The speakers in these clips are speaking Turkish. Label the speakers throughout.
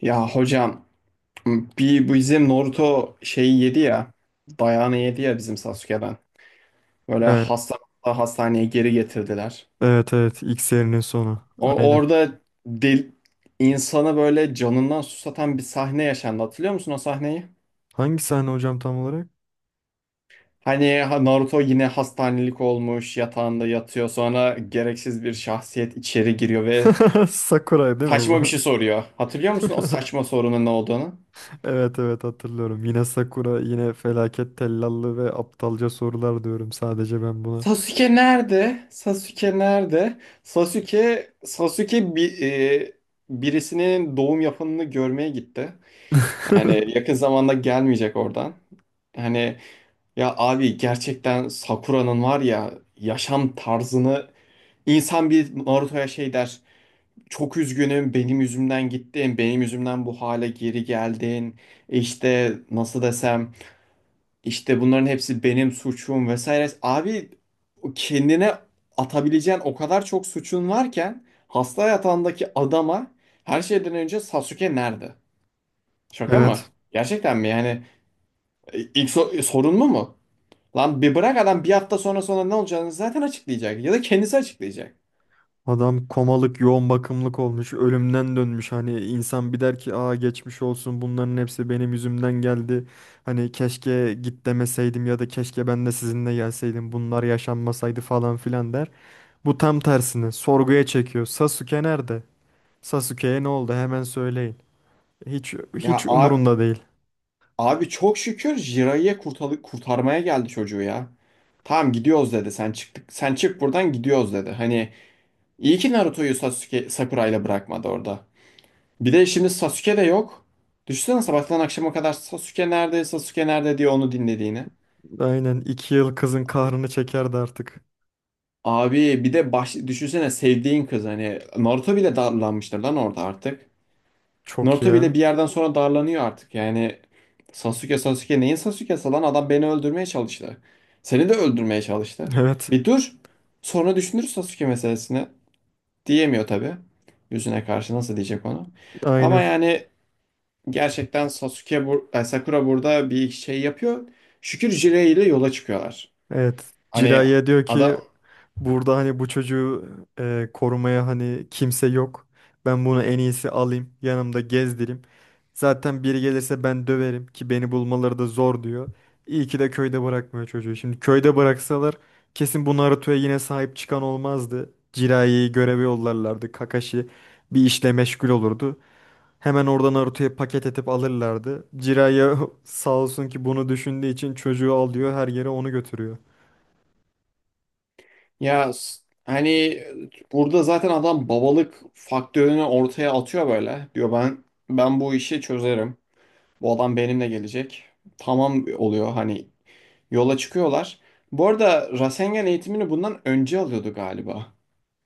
Speaker 1: Ya hocam, bir bizim Naruto şeyi yedi ya, dayağını yedi ya bizim Sasuke'den. Böyle
Speaker 2: Evet,
Speaker 1: hasta hastaneye geri getirdiler.
Speaker 2: evet, evet. X serinin sonu.
Speaker 1: O,
Speaker 2: Aynen.
Speaker 1: orada del, insanı böyle canından susatan bir sahne yaşandı. Hatırlıyor musun o sahneyi?
Speaker 2: Hangi sahne hocam tam olarak?
Speaker 1: Hani Naruto yine hastanelik olmuş yatağında yatıyor, sonra gereksiz bir şahsiyet içeri giriyor ve
Speaker 2: Sakuray değil mi
Speaker 1: saçma bir
Speaker 2: bu?
Speaker 1: şey soruyor. Hatırlıyor musun o saçma sorunun ne olduğunu?
Speaker 2: Evet, hatırlıyorum. Yine Sakura, yine felaket tellallı ve aptalca sorular diyorum sadece ben buna.
Speaker 1: Sasuke nerede? Sasuke nerede? Sasuke bir birisinin doğum yapanını görmeye gitti. Yani yakın zamanda gelmeyecek oradan. Hani ya abi, gerçekten Sakura'nın var ya yaşam tarzını, insan bir Naruto'ya şey der. Çok üzgünüm, benim yüzümden gittin. Benim yüzümden bu hale geri geldin. E İşte nasıl desem, işte bunların hepsi benim suçum vesaire. Abi, kendine atabileceğin o kadar çok suçun varken hasta yatağındaki adama her şeyden önce Sasuke nerede? Şaka mı?
Speaker 2: Evet.
Speaker 1: Gerçekten mi? Yani sorun mu? Lan bir bırak, adam bir hafta sonra ne olacağını zaten açıklayacak ya da kendisi açıklayacak.
Speaker 2: Adam komalık, yoğun bakımlık olmuş, ölümden dönmüş. Hani insan bir der ki, "Aa geçmiş olsun. Bunların hepsi benim yüzümden geldi. Hani keşke git demeseydim ya da keşke ben de sizinle gelseydim. Bunlar yaşanmasaydı falan filan." der. Bu tam tersini sorguya çekiyor. Sasuke nerede? Sasuke'ye ne oldu? Hemen söyleyin. Hiç
Speaker 1: Ya
Speaker 2: hiç
Speaker 1: abi,
Speaker 2: umurunda değil.
Speaker 1: abi çok şükür Jiraiya kurtarmaya geldi çocuğu ya. Tamam, gidiyoruz dedi. Sen çık buradan, gidiyoruz dedi. Hani İyi ki Naruto'yu Sasuke Sakura'yla bırakmadı orada. Bir de şimdi Sasuke de yok. Düşünsene sabahtan akşama kadar Sasuke nerede, Sasuke nerede diye onu dinlediğini.
Speaker 2: Aynen, 2 yıl kızın kahrını çekerdi artık.
Speaker 1: Abi bir de düşünsene sevdiğin kız, hani Naruto bile darlanmıştır lan orada artık.
Speaker 2: Çok
Speaker 1: Naruto
Speaker 2: ya.
Speaker 1: bile bir yerden sonra darlanıyor artık. Yani Sasuke neyin Sasuke'si lan, adam beni öldürmeye çalıştı. Seni de öldürmeye çalıştı.
Speaker 2: Evet.
Speaker 1: Bir dur. Sonra düşünür Sasuke meselesini. Diyemiyor tabii. Yüzüne karşı nasıl diyecek onu. Ama
Speaker 2: Aynen.
Speaker 1: yani gerçekten Sakura burada bir şey yapıyor. Şükür Jiraiya ile yola çıkıyorlar.
Speaker 2: Evet.
Speaker 1: Hani
Speaker 2: Jiraiya diyor ki,
Speaker 1: adam,
Speaker 2: burada hani bu çocuğu korumaya hani kimse yok. Ben bunu en iyisi alayım, yanımda gezdireyim. Zaten biri gelirse ben döverim ki beni bulmaları da zor diyor. İyi ki de köyde bırakmıyor çocuğu. Şimdi köyde bıraksalar kesin bu Naruto'ya yine sahip çıkan olmazdı. Jiraiya göreve yollarlardı. Kakashi bir işle meşgul olurdu. Hemen oradan Naruto'ya paket edip alırlardı. Jiraiya sağ olsun ki bunu düşündüğü için çocuğu alıyor, her yere onu götürüyor.
Speaker 1: hani burada zaten adam babalık faktörünü ortaya atıyor böyle. Diyor ben bu işi çözerim. Bu adam benimle gelecek. Tamam oluyor, hani yola çıkıyorlar. Bu arada Rasengan eğitimini bundan önce alıyordu galiba.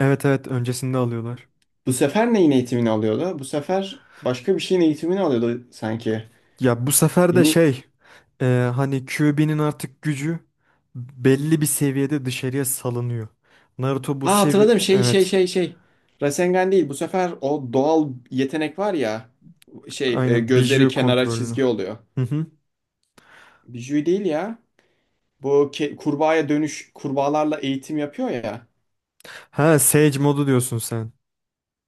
Speaker 2: Evet, öncesinde alıyorlar.
Speaker 1: Bu sefer neyin eğitimini alıyordu? Bu sefer başka bir şeyin eğitimini alıyordu sanki.
Speaker 2: Ya bu sefer de
Speaker 1: Yeni,
Speaker 2: e, hani Kyuubi'nin artık gücü belli bir seviyede dışarıya salınıyor. Naruto bu
Speaker 1: aa hatırladım, şey şey
Speaker 2: evet,
Speaker 1: şey şey. Rasengan değil bu sefer, o doğal yetenek var ya,
Speaker 2: aynen
Speaker 1: gözleri
Speaker 2: Biju
Speaker 1: kenara
Speaker 2: kontrolünü.
Speaker 1: çizgi oluyor.
Speaker 2: Hı hı.
Speaker 1: Bijuy değil ya. Bu kurbağaya dönüş, kurbağalarla eğitim yapıyor ya.
Speaker 2: Ha Sage modu diyorsun sen.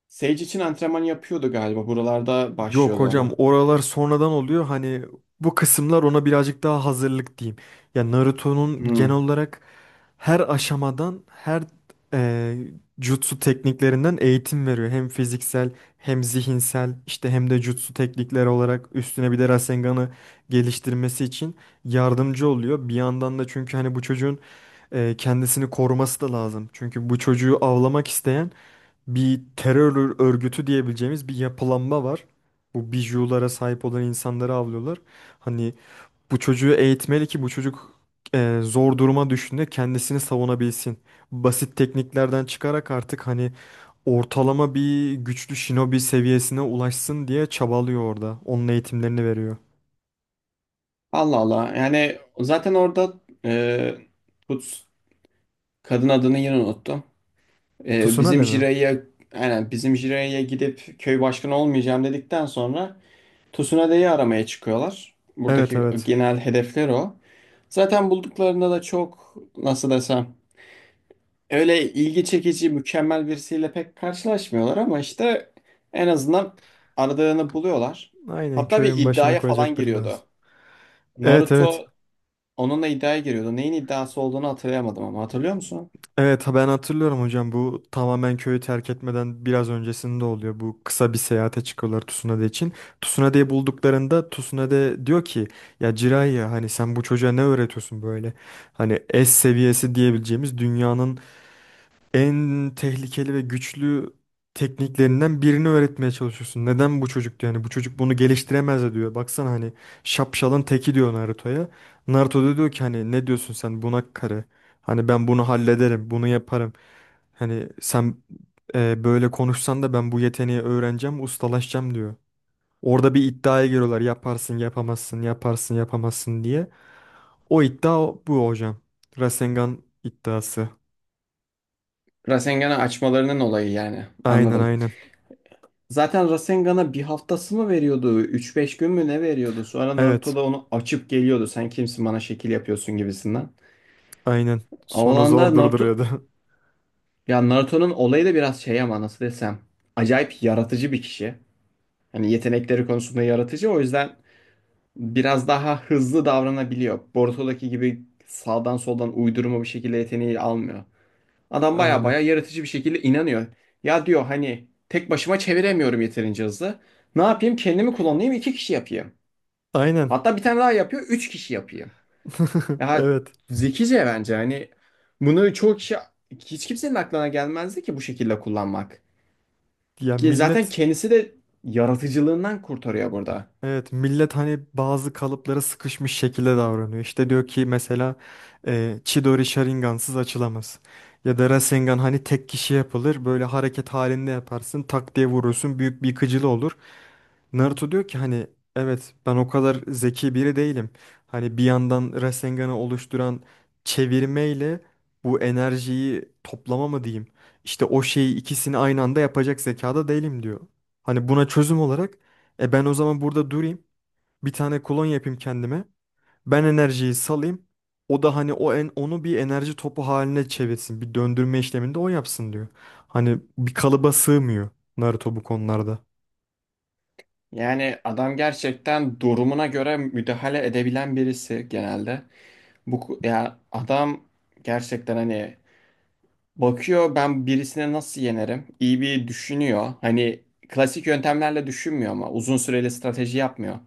Speaker 1: Sage için antrenman yapıyordu galiba, buralarda
Speaker 2: Yok
Speaker 1: başlıyordu
Speaker 2: hocam,
Speaker 1: ona.
Speaker 2: oralar sonradan oluyor, hani bu kısımlar ona birazcık daha hazırlık diyeyim. Ya Naruto'nun genel
Speaker 1: Hmm.
Speaker 2: olarak her aşamadan her e, jutsu tekniklerinden eğitim veriyor. Hem fiziksel hem zihinsel, işte hem de jutsu teknikleri olarak, üstüne bir de Rasengan'ı geliştirmesi için yardımcı oluyor. Bir yandan da, çünkü hani bu çocuğun kendisini koruması da lazım. Çünkü bu çocuğu avlamak isteyen bir terör örgütü diyebileceğimiz bir yapılanma var. Bu bijulara sahip olan insanları avlıyorlar. Hani bu çocuğu eğitmeli ki bu çocuk zor duruma düştüğünde kendisini savunabilsin. Basit tekniklerden çıkarak artık hani ortalama bir güçlü shinobi seviyesine ulaşsın diye çabalıyor orada. Onun eğitimlerini veriyor.
Speaker 1: Allah Allah, yani zaten orada, e, Put kadın adını yine unuttum. Bizim
Speaker 2: Tsunade mi?
Speaker 1: Jiraiya, aynen bizim Jiraiya gidip köy başkanı olmayacağım dedikten sonra Tsunade'yi aramaya çıkıyorlar.
Speaker 2: Evet
Speaker 1: Buradaki
Speaker 2: evet.
Speaker 1: genel hedefler o. Zaten bulduklarında da çok nasıl desem, öyle ilgi çekici mükemmel birisiyle pek karşılaşmıyorlar, ama işte en azından aradığını buluyorlar.
Speaker 2: aynen.
Speaker 1: Hatta bir
Speaker 2: Köyün başına
Speaker 1: iddiaya falan
Speaker 2: koyacak biri lazım.
Speaker 1: giriyordu.
Speaker 2: Evet, evet.
Speaker 1: Naruto onunla iddiaya giriyordu. Neyin iddiası olduğunu hatırlayamadım ama hatırlıyor musun?
Speaker 2: Evet, ha ben hatırlıyorum hocam, bu tamamen köyü terk etmeden biraz öncesinde oluyor. Bu kısa bir seyahate çıkıyorlar Tsunade için. Tsunade'yi bulduklarında Tsunade diyor ki, ya Jiraiya hani sen bu çocuğa ne öğretiyorsun böyle? Hani S seviyesi diyebileceğimiz dünyanın en tehlikeli ve güçlü tekniklerinden birini öğretmeye çalışıyorsun. Neden bu çocuk diyor? Yani bu çocuk bunu geliştiremez de diyor. Baksana hani şapşalın teki diyor Naruto'ya. Naruto da diyor ki, hani ne diyorsun sen bunak karı? Hani ben bunu hallederim, bunu yaparım. Hani sen böyle konuşsan da ben bu yeteneği öğreneceğim, ustalaşacağım diyor. Orada bir iddiaya giriyorlar. Yaparsın, yapamazsın, yaparsın, yapamazsın diye. Bu hocam. Rasengan iddiası.
Speaker 1: Rasengan'ı açmalarının olayı yani.
Speaker 2: Aynen,
Speaker 1: Anladım.
Speaker 2: aynen.
Speaker 1: Zaten Rasengan'a bir haftası mı veriyordu, üç beş gün mü ne veriyordu? Sonra Naruto
Speaker 2: Evet.
Speaker 1: da onu açıp geliyordu. Sen kimsin bana şekil yapıyorsun gibisinden.
Speaker 2: Aynen. Sonu
Speaker 1: Avlanda
Speaker 2: zor
Speaker 1: Naruto...
Speaker 2: durduruyordu.
Speaker 1: Ya Naruto'nun olayı da biraz şey ama nasıl desem, acayip yaratıcı bir kişi. Hani yetenekleri konusunda yaratıcı. O yüzden biraz daha hızlı davranabiliyor. Boruto'daki gibi sağdan soldan uydurma bir şekilde yeteneği almıyor. Adam baya
Speaker 2: Aynen.
Speaker 1: baya yaratıcı bir şekilde inanıyor. Ya diyor hani tek başıma çeviremiyorum yeterince hızlı. Ne yapayım? Kendimi kullanayım, iki kişi yapayım.
Speaker 2: Aynen.
Speaker 1: Hatta bir tane daha yapıyor. Üç kişi yapıyor. Ya
Speaker 2: Evet.
Speaker 1: zekice bence. Hani bunu çoğu kişi, hiç kimsenin aklına gelmezdi ki bu şekilde kullanmak.
Speaker 2: Ya
Speaker 1: Ki zaten
Speaker 2: millet
Speaker 1: kendisi de yaratıcılığından kurtarıyor burada.
Speaker 2: Evet, millet hani bazı kalıplara sıkışmış şekilde davranıyor. İşte diyor ki mesela Chidori Sharingan'sız açılamaz. Ya da Rasengan hani tek kişi yapılır. Böyle hareket halinde yaparsın, tak diye vurursun, büyük bir yıkıcılığı olur. Naruto diyor ki hani, evet ben o kadar zeki biri değilim. Hani bir yandan Rasengan'ı oluşturan çevirmeyle bu enerjiyi toplama mı diyeyim? İşte o şeyi, ikisini aynı anda yapacak zekada değilim diyor. Hani buna çözüm olarak, e ben o zaman burada durayım. Bir tane klon yapayım kendime. Ben enerjiyi salayım. O da hani onu bir enerji topu haline çevirsin. Bir döndürme işlemini de o yapsın diyor. Hani bir kalıba sığmıyor Naruto bu konularda.
Speaker 1: Yani adam gerçekten durumuna göre müdahale edebilen birisi genelde. Ya adam gerçekten hani bakıyor, ben birisine nasıl yenerim? İyi bir düşünüyor. Hani klasik yöntemlerle düşünmüyor ama uzun süreli strateji yapmıyor.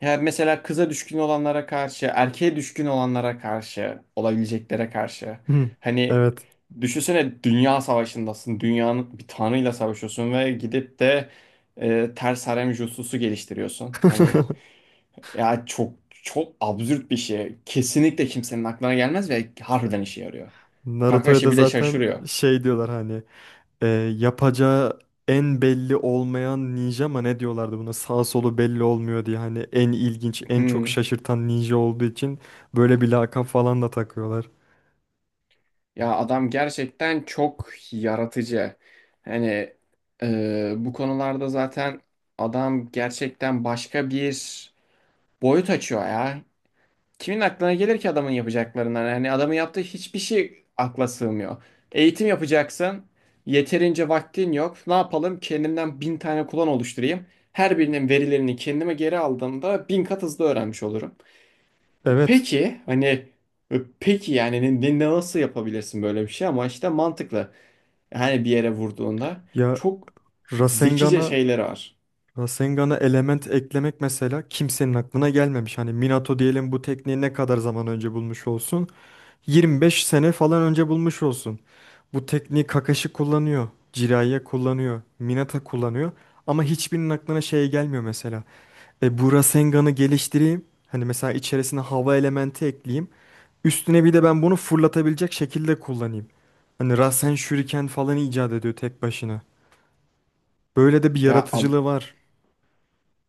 Speaker 1: Yani mesela kıza düşkün olanlara karşı, erkeğe düşkün olanlara karşı, olabileceklere karşı.
Speaker 2: Hı,
Speaker 1: Hani
Speaker 2: evet.
Speaker 1: düşünsene dünya savaşındasın, dünyanın bir tanrıyla savaşıyorsun ve gidip de ters harem jutsusu geliştiriyorsun. Hani ya çok absürt bir şey. Kesinlikle kimsenin aklına gelmez ve harbiden işe yarıyor.
Speaker 2: Naruto'ya
Speaker 1: Kakashi
Speaker 2: da
Speaker 1: bile
Speaker 2: zaten
Speaker 1: şaşırıyor.
Speaker 2: şey diyorlar hani, e, yapacağı en belli olmayan ninja mı ne diyorlardı buna, sağ solu belli olmuyor diye, hani en ilginç, en çok
Speaker 1: Hmm.
Speaker 2: şaşırtan ninja olduğu için böyle bir lakap falan da takıyorlar.
Speaker 1: Ya adam gerçekten çok yaratıcı. Hani bu konularda zaten adam gerçekten başka bir boyut açıyor ya. Kimin aklına gelir ki adamın yapacaklarından? Hani adamın yaptığı hiçbir şey akla sığmıyor. Eğitim yapacaksın. Yeterince vaktin yok. Ne yapalım? Kendimden bin tane kullan oluşturayım. Her birinin verilerini kendime geri aldığımda bin kat hızlı öğrenmiş olurum.
Speaker 2: Evet.
Speaker 1: Peki hani, peki yani nasıl yapabilirsin böyle bir şey, ama işte mantıklı. Hani bir yere vurduğunda
Speaker 2: Ya
Speaker 1: çok zekice
Speaker 2: Rasengan'a
Speaker 1: şeyleri var.
Speaker 2: Rasengan'a element eklemek mesela kimsenin aklına gelmemiş. Hani Minato diyelim bu tekniği ne kadar zaman önce bulmuş olsun? 25 sene falan önce bulmuş olsun. Bu tekniği Kakashi kullanıyor, Jiraiya kullanıyor, Minato kullanıyor, ama hiçbirinin aklına şey gelmiyor mesela. E bu Rasengan'ı geliştireyim. Hani mesela içerisine hava elementi ekleyeyim. Üstüne bir de ben bunu fırlatabilecek şekilde kullanayım. Hani Rasen Shuriken falan icat ediyor tek başına. Böyle de bir
Speaker 1: Ya a-
Speaker 2: yaratıcılığı var.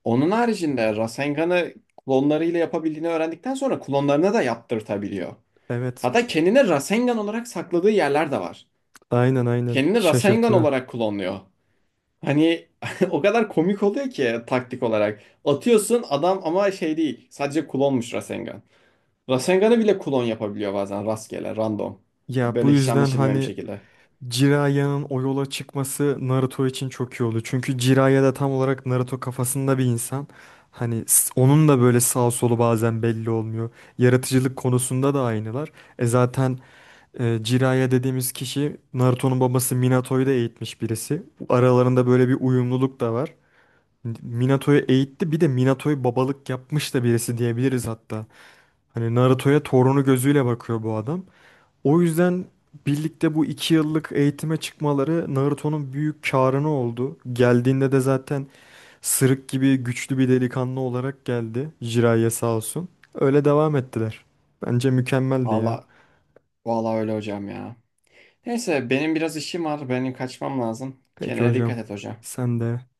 Speaker 1: Onun haricinde Rasengan'ı klonlarıyla yapabildiğini öğrendikten sonra klonlarına da yaptırtabiliyor.
Speaker 2: Evet.
Speaker 1: Hatta kendini Rasengan olarak sakladığı yerler de var.
Speaker 2: Aynen,
Speaker 1: Kendini Rasengan
Speaker 2: şaşırtıyor.
Speaker 1: olarak klonluyor. Hani o kadar komik oluyor ki taktik olarak. Atıyorsun adam, ama şey değil. Sadece klonmuş Rasengan. Rasengan'ı bile klon yapabiliyor bazen rastgele, random.
Speaker 2: Ya bu
Speaker 1: Böyle hiç
Speaker 2: yüzden
Speaker 1: anlaşılmayan bir
Speaker 2: hani
Speaker 1: şekilde.
Speaker 2: Jiraiya o yola çıkması Naruto için çok iyi oldu. Çünkü Jiraiya da tam olarak Naruto kafasında bir insan. Onun da böyle sağ solu bazen belli olmuyor. Yaratıcılık konusunda da aynılar. E zaten Jiraiya dediğimiz kişi Naruto'nun babası Minato'yu da eğitmiş birisi. Bu aralarında böyle bir uyumluluk da var. Minato'yu eğitti, bir de Minato'yu babalık yapmış da birisi diyebiliriz hatta. Hani Naruto'ya torunu gözüyle bakıyor bu adam. O yüzden birlikte bu 2 yıllık eğitime çıkmaları Naruto'nun büyük karını oldu. Geldiğinde de zaten sırık gibi güçlü bir delikanlı olarak geldi. Jiraiya sağ olsun. Öyle devam ettiler. Bence mükemmeldi ya.
Speaker 1: Valla, valla öyle hocam ya. Neyse, benim biraz işim var. Benim kaçmam lazım.
Speaker 2: Peki
Speaker 1: Kendine
Speaker 2: hocam.
Speaker 1: dikkat et hocam.
Speaker 2: Sen de.